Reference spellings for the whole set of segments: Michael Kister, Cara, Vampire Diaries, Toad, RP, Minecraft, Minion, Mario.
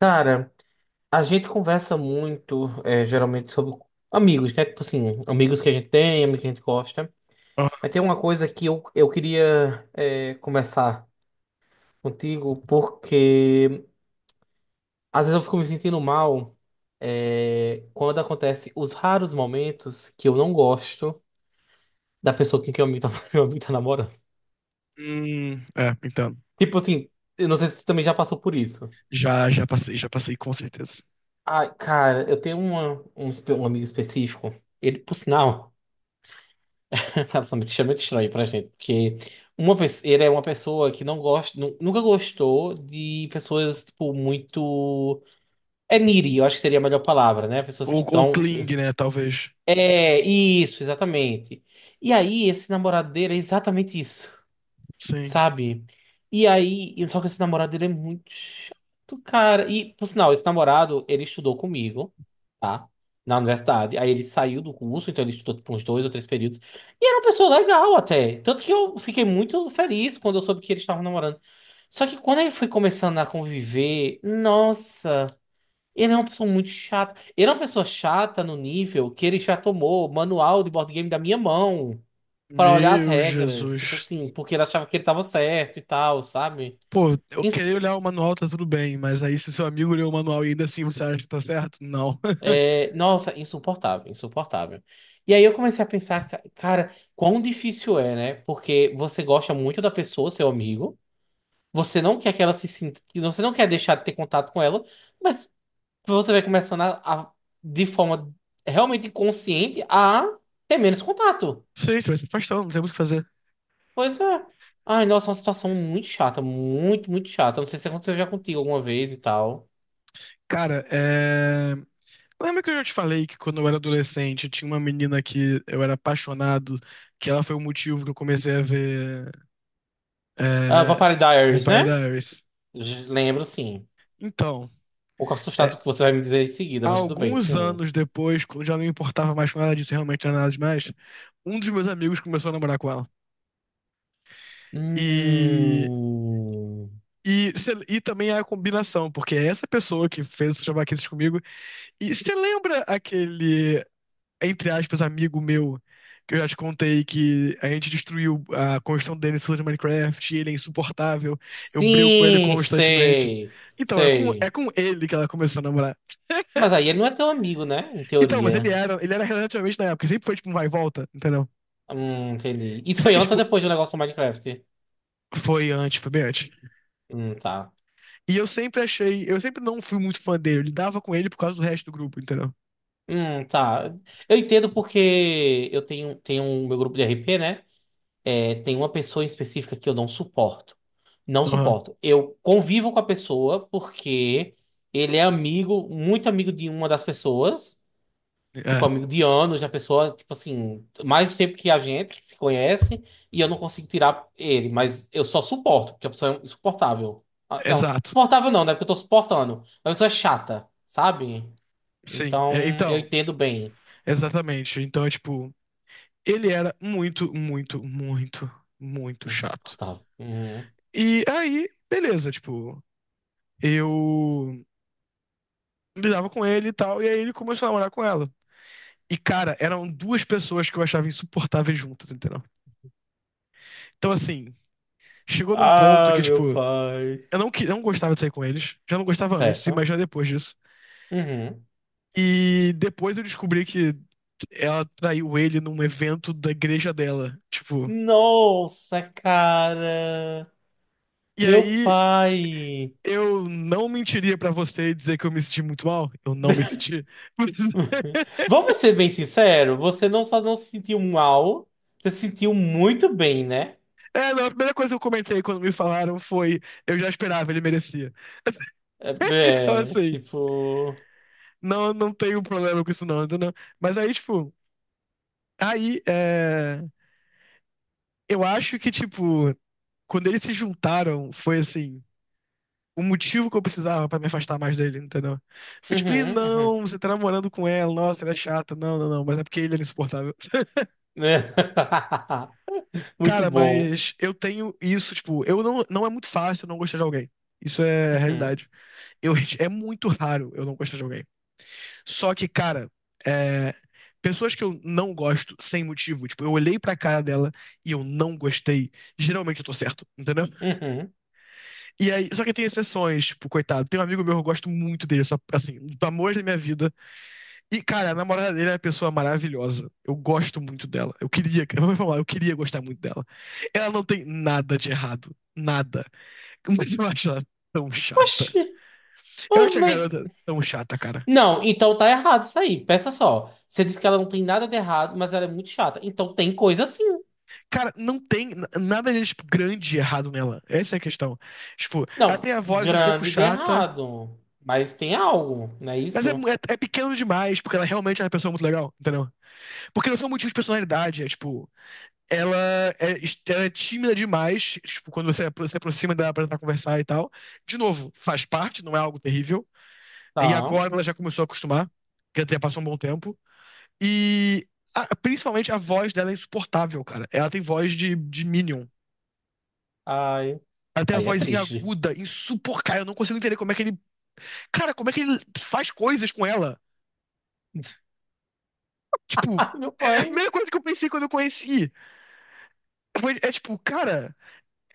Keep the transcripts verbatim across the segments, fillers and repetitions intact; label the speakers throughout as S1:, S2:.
S1: Cara, a gente conversa muito, é, geralmente, sobre amigos, né? Tipo assim, amigos que a gente tem, amigos que a gente gosta.
S2: Ah.
S1: Mas tem uma coisa que eu, eu queria, é, começar contigo, porque às vezes eu fico me sentindo mal, é, quando acontece os raros momentos que eu não gosto da pessoa com quem eu amigo tá, meu amigo tá namorando.
S2: Hum, é, então.
S1: Tipo assim, eu não sei se você também já passou por isso.
S2: Já, já passei, já passei com certeza.
S1: Ai, cara, eu tenho uma, um, espe- um amigo específico, ele, por sinal. Absolutamente extremamente estranho pra gente, porque uma pessoa, ele é uma pessoa que não gosta, nu- nunca gostou de pessoas, tipo, muito. É needy, eu acho que seria a melhor palavra, né? Pessoas que
S2: Ou, ou
S1: estão.
S2: Kling, né? Talvez.
S1: É, isso, exatamente. E aí, esse namorado dele é exatamente isso,
S2: Sim.
S1: sabe? E aí, e- só que esse namorado ele é muito chato, cara. E, por sinal, esse namorado, ele estudou comigo, tá? Na universidade. Aí ele saiu do curso, então ele estudou tipo, uns dois ou três períodos. E era uma pessoa legal até. Tanto que eu fiquei muito feliz quando eu soube que eles estavam namorando. Só que quando ele foi começando a conviver, nossa, ele é uma pessoa muito chata. Ele é uma pessoa chata no nível que ele já tomou manual de board game da minha mão para olhar as
S2: Meu
S1: regras, tipo
S2: Jesus.
S1: assim, porque ele achava que ele tava certo e tal, sabe?
S2: Pô, eu queria
S1: Isso,
S2: olhar o manual, tá tudo bem, mas aí se o seu amigo leu o manual e ainda assim você acha que tá certo? Não.
S1: é, nossa, insuportável, insuportável. E aí eu comecei a pensar, ca- cara, quão difícil é, né? Porque você gosta muito da pessoa, seu amigo, você não quer que ela se sinta, que você não quer deixar de ter contato com ela, mas você vai começando a, a- de forma realmente inconsciente a ter menos contato.
S2: Sim, você vai se afastando, não tem muito o que fazer.
S1: Pois é. Ai, nossa, é uma situação muito chata, muito, muito chata. Não sei se aconteceu já contigo alguma vez e tal.
S2: Cara, é. Lembra que eu já te falei que quando eu era adolescente tinha uma menina que eu era apaixonado, que ela foi o motivo que eu comecei a ver
S1: Ah,
S2: é...
S1: Vampire Diaries,
S2: Vampire
S1: né?
S2: Diaries?
S1: J- Lembro, sim. Um
S2: Então.
S1: pouco assustado com
S2: é,
S1: o que você vai me dizer em seguida, mas tudo bem,
S2: Alguns
S1: sim.
S2: anos depois, quando já não importava mais com nada disso, realmente não era nada demais, um dos meus amigos começou a namorar com ela. E,
S1: Hum.
S2: e, cê- e também é a combinação, porque é essa pessoa que fez os trabalhos comigo. E você lembra aquele, entre aspas, amigo meu, que eu já te contei que a gente destruiu a construção dele em cima de Minecraft, e ele é insuportável, eu brigo com ele
S1: Sim,
S2: constantemente.
S1: sei.
S2: Então, é com, é
S1: Sei.
S2: com ele que ela começou a namorar.
S1: Mas aí ele não é teu amigo, né? Em
S2: Então, mas ele
S1: teoria.
S2: era, ele era relativamente na época, sempre foi tipo um vai e volta, entendeu?
S1: Hum, entendi. Isso
S2: Só
S1: foi
S2: que,
S1: antes ou
S2: tipo,
S1: depois do negócio do Minecraft?
S2: foi antes, foi bem antes.
S1: Hum, tá.
S2: E eu sempre achei, eu sempre não fui muito fã dele, eu lidava com ele por causa do resto do grupo, entendeu?
S1: Hum, tá. Eu entendo porque eu tenho, tenho um meu grupo de R P, né? É, tem uma pessoa em específica que eu não suporto. Não
S2: Aham.
S1: suporto. Eu convivo com a pessoa porque ele é amigo, muito amigo de uma das pessoas,
S2: É,
S1: tipo, amigo de anos, da pessoa, tipo assim, mais tempo que a gente, que se conhece, e eu não consigo tirar ele, mas eu só suporto, porque a pessoa é insuportável. Ah, não,
S2: exato.
S1: suportável não, né? Porque eu tô suportando. A pessoa é chata, sabe?
S2: Sim.
S1: Então,
S2: É,
S1: eu
S2: então,
S1: entendo bem.
S2: exatamente. Então, é, tipo, ele era muito, muito, muito, muito chato.
S1: Insuportável. Uhum.
S2: E aí, beleza, tipo, eu lidava com ele e tal, e aí ele começou a namorar com ela. E, cara, eram duas pessoas que eu achava insuportáveis juntas, entendeu? Então, assim, chegou num ponto
S1: Ah,
S2: que,
S1: meu
S2: tipo,
S1: pai.
S2: eu não, que- não gostava de sair com eles. Já não gostava antes,
S1: Certo.
S2: imagina depois disso.
S1: Uhum.
S2: E depois eu descobri que ela traiu ele num evento da igreja dela. Tipo,
S1: Nossa, cara.
S2: e
S1: Meu
S2: aí
S1: pai.
S2: eu não mentiria pra você e dizer que eu me senti muito mal. Eu não me senti. Mas,
S1: Vamos ser bem sinceros, você não só não se sentiu mal, você se sentiu muito bem, né?
S2: é, não, a primeira coisa que eu comentei quando me falaram foi: eu já esperava, ele merecia.
S1: É,
S2: Então,
S1: é,
S2: assim,
S1: tipo.
S2: não, não tenho problema com isso, não, entendeu? Mas aí, tipo, aí é, eu acho que, tipo, quando eles se juntaram, foi assim, o motivo que eu precisava pra me afastar mais dele, entendeu? Foi tipo, ih,
S1: Uhum, uhum.
S2: não, você tá namorando com ela, nossa, ela é chata, não, não, não, mas é porque ele era insuportável.
S1: Muito
S2: Cara,
S1: bom.
S2: mas eu tenho isso, tipo, eu não, não é muito fácil eu não gostar de alguém. Isso é a
S1: Uhum,
S2: realidade. Eu, é muito raro eu não gostar de alguém. Só que, cara, é, pessoas que eu não gosto sem motivo, tipo, eu olhei pra cara dela e eu não gostei, geralmente eu tô certo, entendeu?
S1: uhum.
S2: E aí, só que tem exceções, tipo, coitado. Tem um amigo meu que eu gosto muito dele, só, assim, do amor da minha vida. E, cara, a namorada dele é uma pessoa maravilhosa. Eu gosto muito dela. Eu queria, eu vou falar, eu queria gostar muito dela. Ela não tem nada de errado. Nada. Mas eu acho ela tão chata.
S1: Oxi,
S2: Eu
S1: oh,
S2: acho a
S1: mas.
S2: garota tão chata, cara.
S1: Não, então tá errado isso aí. Peça só. Você disse que ela não tem nada de errado, mas ela é muito chata. Então tem coisa assim.
S2: Cara, não tem n- nada de, tipo, grande e errado nela. Essa é a questão. Tipo, ela tem
S1: Não,
S2: a voz um pouco
S1: grande de
S2: chata,
S1: errado. Mas tem algo, não é
S2: mas é,
S1: isso?
S2: mu- é, é pequeno demais, porque ela realmente é uma pessoa muito legal, entendeu? Porque não são motivos de personalidade, é tipo. ela é, ela é tímida demais, tipo, quando você apro- se aproxima dela pra tentar conversar e tal. De novo, faz parte, não é algo terrível. E
S1: Tá.
S2: agora ela já começou a acostumar, que até passou um bom tempo. E a- principalmente a voz dela é insuportável, cara. Ela tem voz de, de Minion.
S1: Ai.
S2: Ela tem a
S1: Aí é
S2: vozinha
S1: triste.
S2: aguda, insuportável. Eu não consigo entender como é que ele. Cara, como é que ele faz coisas com ela? Tipo,
S1: Ai, meu
S2: é a
S1: pai.
S2: primeira coisa que eu pensei quando eu conheci. Foi- é tipo, cara,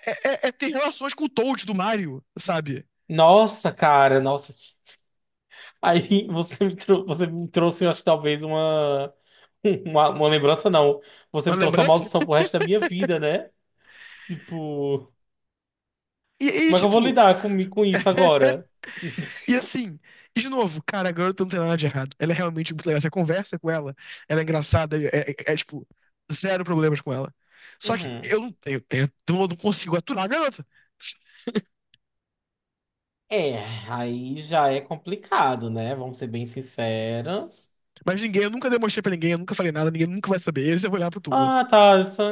S2: é, é- é ter relações com o Toad do Mario, sabe?
S1: Nossa, cara, nossa. Aí você me, trou- você me trouxe, eu acho que talvez uma. Uma. Uma lembrança, não. Você
S2: Uma
S1: me trouxe uma
S2: lembrança?
S1: maldição pro resto da minha vida, né? Tipo,
S2: E, e
S1: como é que eu vou
S2: tipo,
S1: lidar com, com isso agora?
S2: e assim, e de novo, cara, a garota não tem nada de errado. Ela é realmente muito legal. Você conversa com ela, ela é engraçada, é, é- é, é, tipo, zero problemas com ela. Só que
S1: Uhum.
S2: eu não tenho, tenho, eu não consigo aturar a garota.
S1: É, aí já é complicado, né? Vamos ser bem sinceros.
S2: Mas ninguém, eu nunca demonstrei pra ninguém, eu nunca falei nada, ninguém nunca vai saber. Eles vão olhar pro túmulo.
S1: Ah, tá. Só,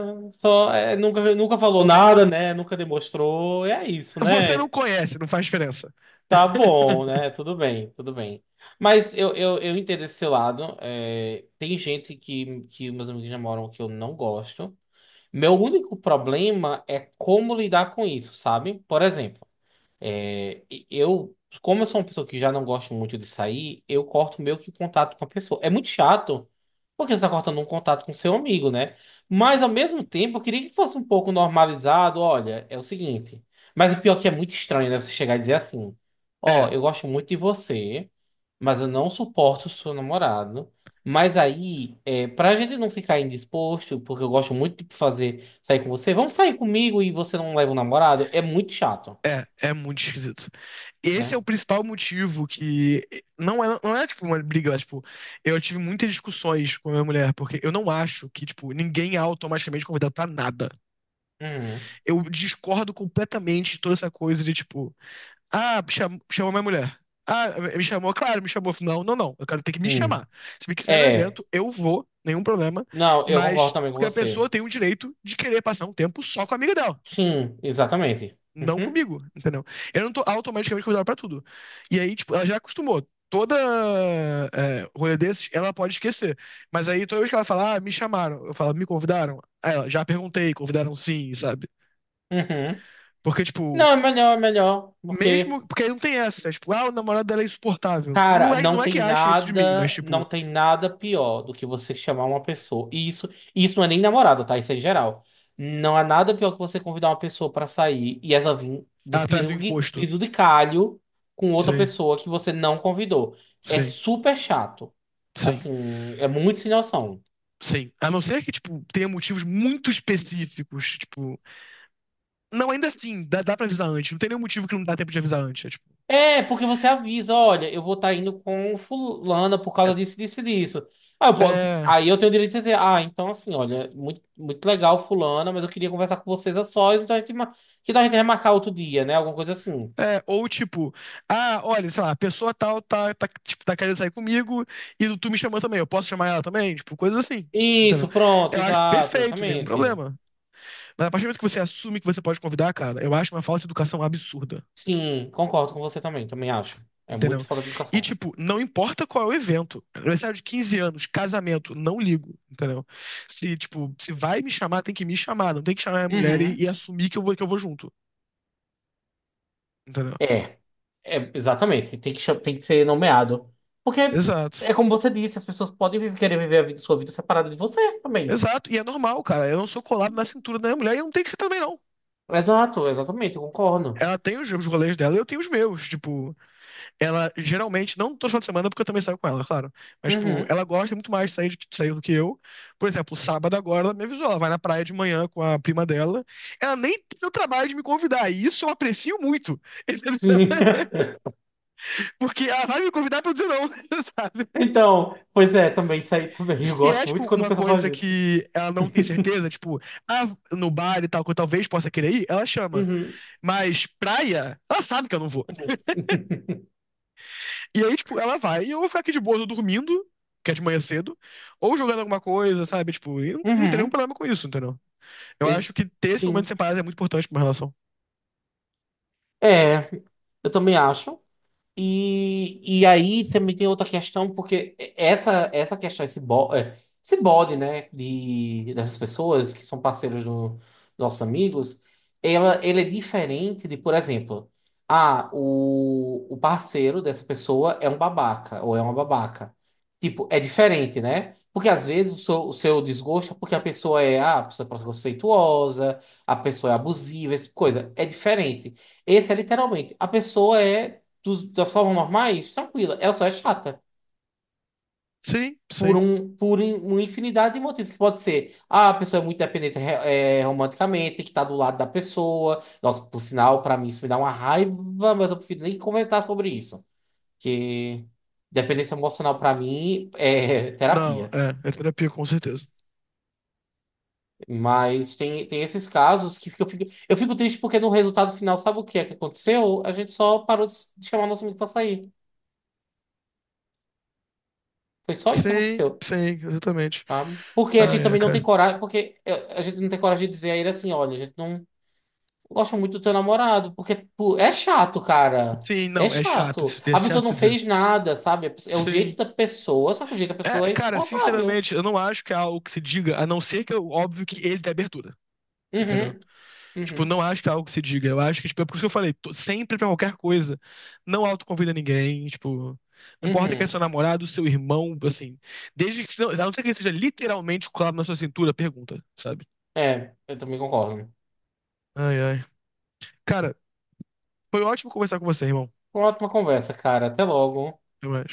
S1: só- é, nunca, nunca falou nada, né? Nunca demonstrou. É isso,
S2: Você não
S1: né?
S2: conhece, não faz diferença.
S1: Tá bom, né? Tudo bem, tudo bem. Mas eu, eu, eu entendo esse seu lado. É, tem gente que, que meus amigos namoram que eu não gosto. Meu único problema é como lidar com isso, sabe? Por exemplo. É, e- eu, como eu sou uma pessoa que já não gosto muito de sair, eu corto meio que o contato com a pessoa. É muito chato, porque você está cortando um contato com seu amigo, né? Mas ao mesmo tempo, eu queria que fosse um pouco normalizado. Olha, é o seguinte. Mas o pior é que é muito estranho, né? Você chegar e dizer assim: Ó,
S2: É,
S1: eu gosto muito de você, mas eu não suporto o seu namorado. Mas aí, é, pra gente não ficar indisposto, porque eu gosto muito de fazer sair com você, vamos sair comigo e você não leva o namorado, é muito chato,
S2: é, é muito esquisito. Esse é
S1: né?
S2: o principal motivo que. Não é, não é tipo uma briga, mas, tipo, eu tive muitas discussões com a minha mulher, porque eu não acho que, tipo, ninguém é automaticamente convidado pra nada.
S1: Uhum.
S2: Eu discordo completamente de toda essa coisa de, tipo, ah, cham- chamou minha mulher. Ah, me chamou, claro, me chamou. Não, não, não. Eu quero ter que me
S1: Hum.
S2: chamar. Se me quiser no
S1: É,
S2: evento, eu vou, nenhum problema.
S1: não, eu concordo
S2: Mas
S1: também com
S2: porque a
S1: você.
S2: pessoa tem o direito de querer passar um tempo só com a amiga dela
S1: Sim, exatamente.
S2: não
S1: Uhum.
S2: comigo, entendeu? Eu não tô automaticamente convidado pra tudo. E aí, tipo, ela já acostumou. Toda é, rolê desses, ela pode esquecer. Mas aí, toda vez que ela fala, ah, me chamaram, eu falo, me convidaram? Aí ela, já perguntei, convidaram sim, sabe?
S1: Uhum.
S2: Porque, tipo,
S1: Não, é melhor, é melhor, porque,
S2: mesmo. Porque aí não tem essa, é, tipo, ah, o namorado dela é insuportável. Não
S1: cara,
S2: é,
S1: não
S2: não é
S1: tem
S2: que acha isso de mim, mas,
S1: nada, não
S2: tipo,
S1: tem nada pior do que você chamar uma pessoa. E isso, isso não é nem namorado, tá? Isso é em geral. Não há nada pior que você convidar uma pessoa pra sair e ela vir de
S2: ela traz o
S1: pirungui- de
S2: encosto.
S1: duricalho com outra
S2: Sim,
S1: pessoa que você não convidou. É
S2: sim,
S1: super chato.
S2: sim,
S1: Assim, é muito sem noção.
S2: sim. A não ser que, tipo, tenha motivos muito específicos, tipo. Não, ainda assim, dá, dá pra avisar antes. Não tem nenhum motivo que não dá tempo de avisar antes. É, tipo,
S1: É, porque você avisa, olha, eu vou estar indo com fulana por causa disso, disso, e disso. Ah, eu
S2: é,
S1: po-
S2: é,
S1: aí eu tenho o direito de dizer, ah, então assim, olha, muito, muito legal fulana, mas eu queria conversar com vocês a sós, então a gente, ma- que tal a gente remarcar outro dia, né? Alguma coisa assim.
S2: é, ou tipo, ah, olha, sei lá, a pessoa tal tá, tá, tipo, tá querendo sair comigo e tu me chamou também, eu posso chamar ela também? Tipo, coisas assim. Entendeu?
S1: Isso, pronto,
S2: Eu acho isso
S1: exato,
S2: perfeito, nenhum
S1: exatamente.
S2: problema. Mas a partir do momento que você assume que você pode convidar, cara, eu acho uma falta de educação absurda.
S1: Sim, concordo com você também, também acho. É muito
S2: Entendeu?
S1: falta de
S2: E,
S1: educação.
S2: tipo, não importa qual é o evento. Aniversário de quinze anos, casamento, não ligo, entendeu? Se, tipo, se vai me chamar, tem que me chamar. Não tem que chamar a mulher e,
S1: Uhum.
S2: e assumir que eu vou, que eu vou junto, entendeu?
S1: É, é, exatamente, tem que, cha- tem que ser nomeado. Porque
S2: Exato.
S1: é como você disse, as pessoas podem viver- querer viver a vida, sua vida separada de você também.
S2: Exato. E é normal, cara. Eu não sou colado na cintura da minha mulher e não tem que ser também, não.
S1: Exato, exatamente, eu concordo.
S2: Ela tem os, os rolês dela e eu tenho os meus. Tipo, ela geralmente, não todo final de semana, porque eu também saio com ela, claro. Mas, tipo,
S1: Uhum,
S2: ela gosta muito mais de sair, de sair do que eu. Por exemplo, sábado agora, ela me avisou, ela vai na praia de manhã com a prima dela. Ela nem tem o trabalho de me convidar, e isso eu aprecio muito.
S1: sim.
S2: Porque ela vai me convidar pra eu dizer não, sabe?
S1: Então, pois é, também isso aí também. Eu
S2: Se é,
S1: gosto
S2: tipo,
S1: muito quando o
S2: uma
S1: pessoal
S2: coisa
S1: faz isso.
S2: que ela não tem certeza, tipo, ah, no bar e tal, que eu talvez possa querer ir, ela chama.
S1: Uhum.
S2: Mas praia, ela sabe que eu não vou.
S1: Uhum.
S2: E aí, tipo, ela vai e eu vou ficar aqui de boa, tô dormindo, que é de manhã cedo, ou jogando alguma coisa, sabe? Tipo, e não, não tem nenhum
S1: Uhum.
S2: problema com isso, entendeu? Eu
S1: Ex-
S2: acho que ter esse momento
S1: Sim.
S2: separado é muito importante pra uma relação.
S1: É, eu também acho. E, e aí também tem outra questão, porque essa, essa questão, esse, bo, é, esse bode, né, de, dessas pessoas que são parceiros do- dos nossos amigos, ela, ele é diferente de, por exemplo, ah, o, o parceiro dessa pessoa é um babaca, ou é uma babaca. Tipo, é diferente, né? Porque às vezes o seu, o seu desgosto é porque a pessoa é, ah, a pessoa é preconceituosa, a pessoa é abusiva, essa coisa. É diferente. Esse é literalmente, a pessoa é dos- das formas normais, tranquila. Ela só é chata.
S2: Sim,
S1: Por,
S2: sim.
S1: um, por in- uma infinidade de motivos. Que pode ser, ah, a pessoa é muito dependente eh, eh, romanticamente, tem que estar do lado da pessoa. Nossa, por sinal, pra mim isso me dá uma raiva, mas eu prefiro nem comentar sobre isso. Que dependência emocional pra mim é
S2: Não,
S1: terapia.
S2: é, é terapia, com certeza.
S1: Mas tem, tem esses casos que eu fico, eu fico triste porque no resultado final, sabe o que é que aconteceu? A gente só parou de de chamar nosso amigo pra sair. Foi só isso que
S2: Sim,
S1: aconteceu.
S2: sim, exatamente.
S1: Sabe? Porque a
S2: Ah,
S1: gente
S2: é,
S1: também não tem
S2: cara.
S1: coragem, porque é, a gente não tem coragem de dizer a ele assim, olha, a gente não gosta muito do teu namorado, porque pô, é chato, cara.
S2: Sim,
S1: É
S2: não, é chato, de
S1: chato.
S2: se- é
S1: A pessoa
S2: chato
S1: não
S2: de se dizer.
S1: fez nada, sabe? A pessoa- É o jeito
S2: Sim.
S1: da pessoa, só que o jeito da
S2: É,
S1: pessoa é
S2: cara,
S1: insuportável.
S2: sinceramente, eu não acho que é algo que se diga, a não ser que, é óbvio, que ele dê abertura, entendeu?
S1: Uhum,
S2: Tipo,
S1: uhum,
S2: não acho que é algo que se diga. Eu acho que, tipo, é por isso que eu falei, tô- sempre pra qualquer coisa. Não autoconvida ninguém, tipo. Não importa que é
S1: uhum.
S2: seu namorado, seu irmão, assim. Desde que, se não- a não ser que ele seja literalmente colado na sua cintura, pergunta, sabe?
S1: É, eu também concordo.
S2: Ai, ai. Cara, foi ótimo conversar com você, irmão.
S1: Uma ótima conversa, cara. Até logo.
S2: Até mais.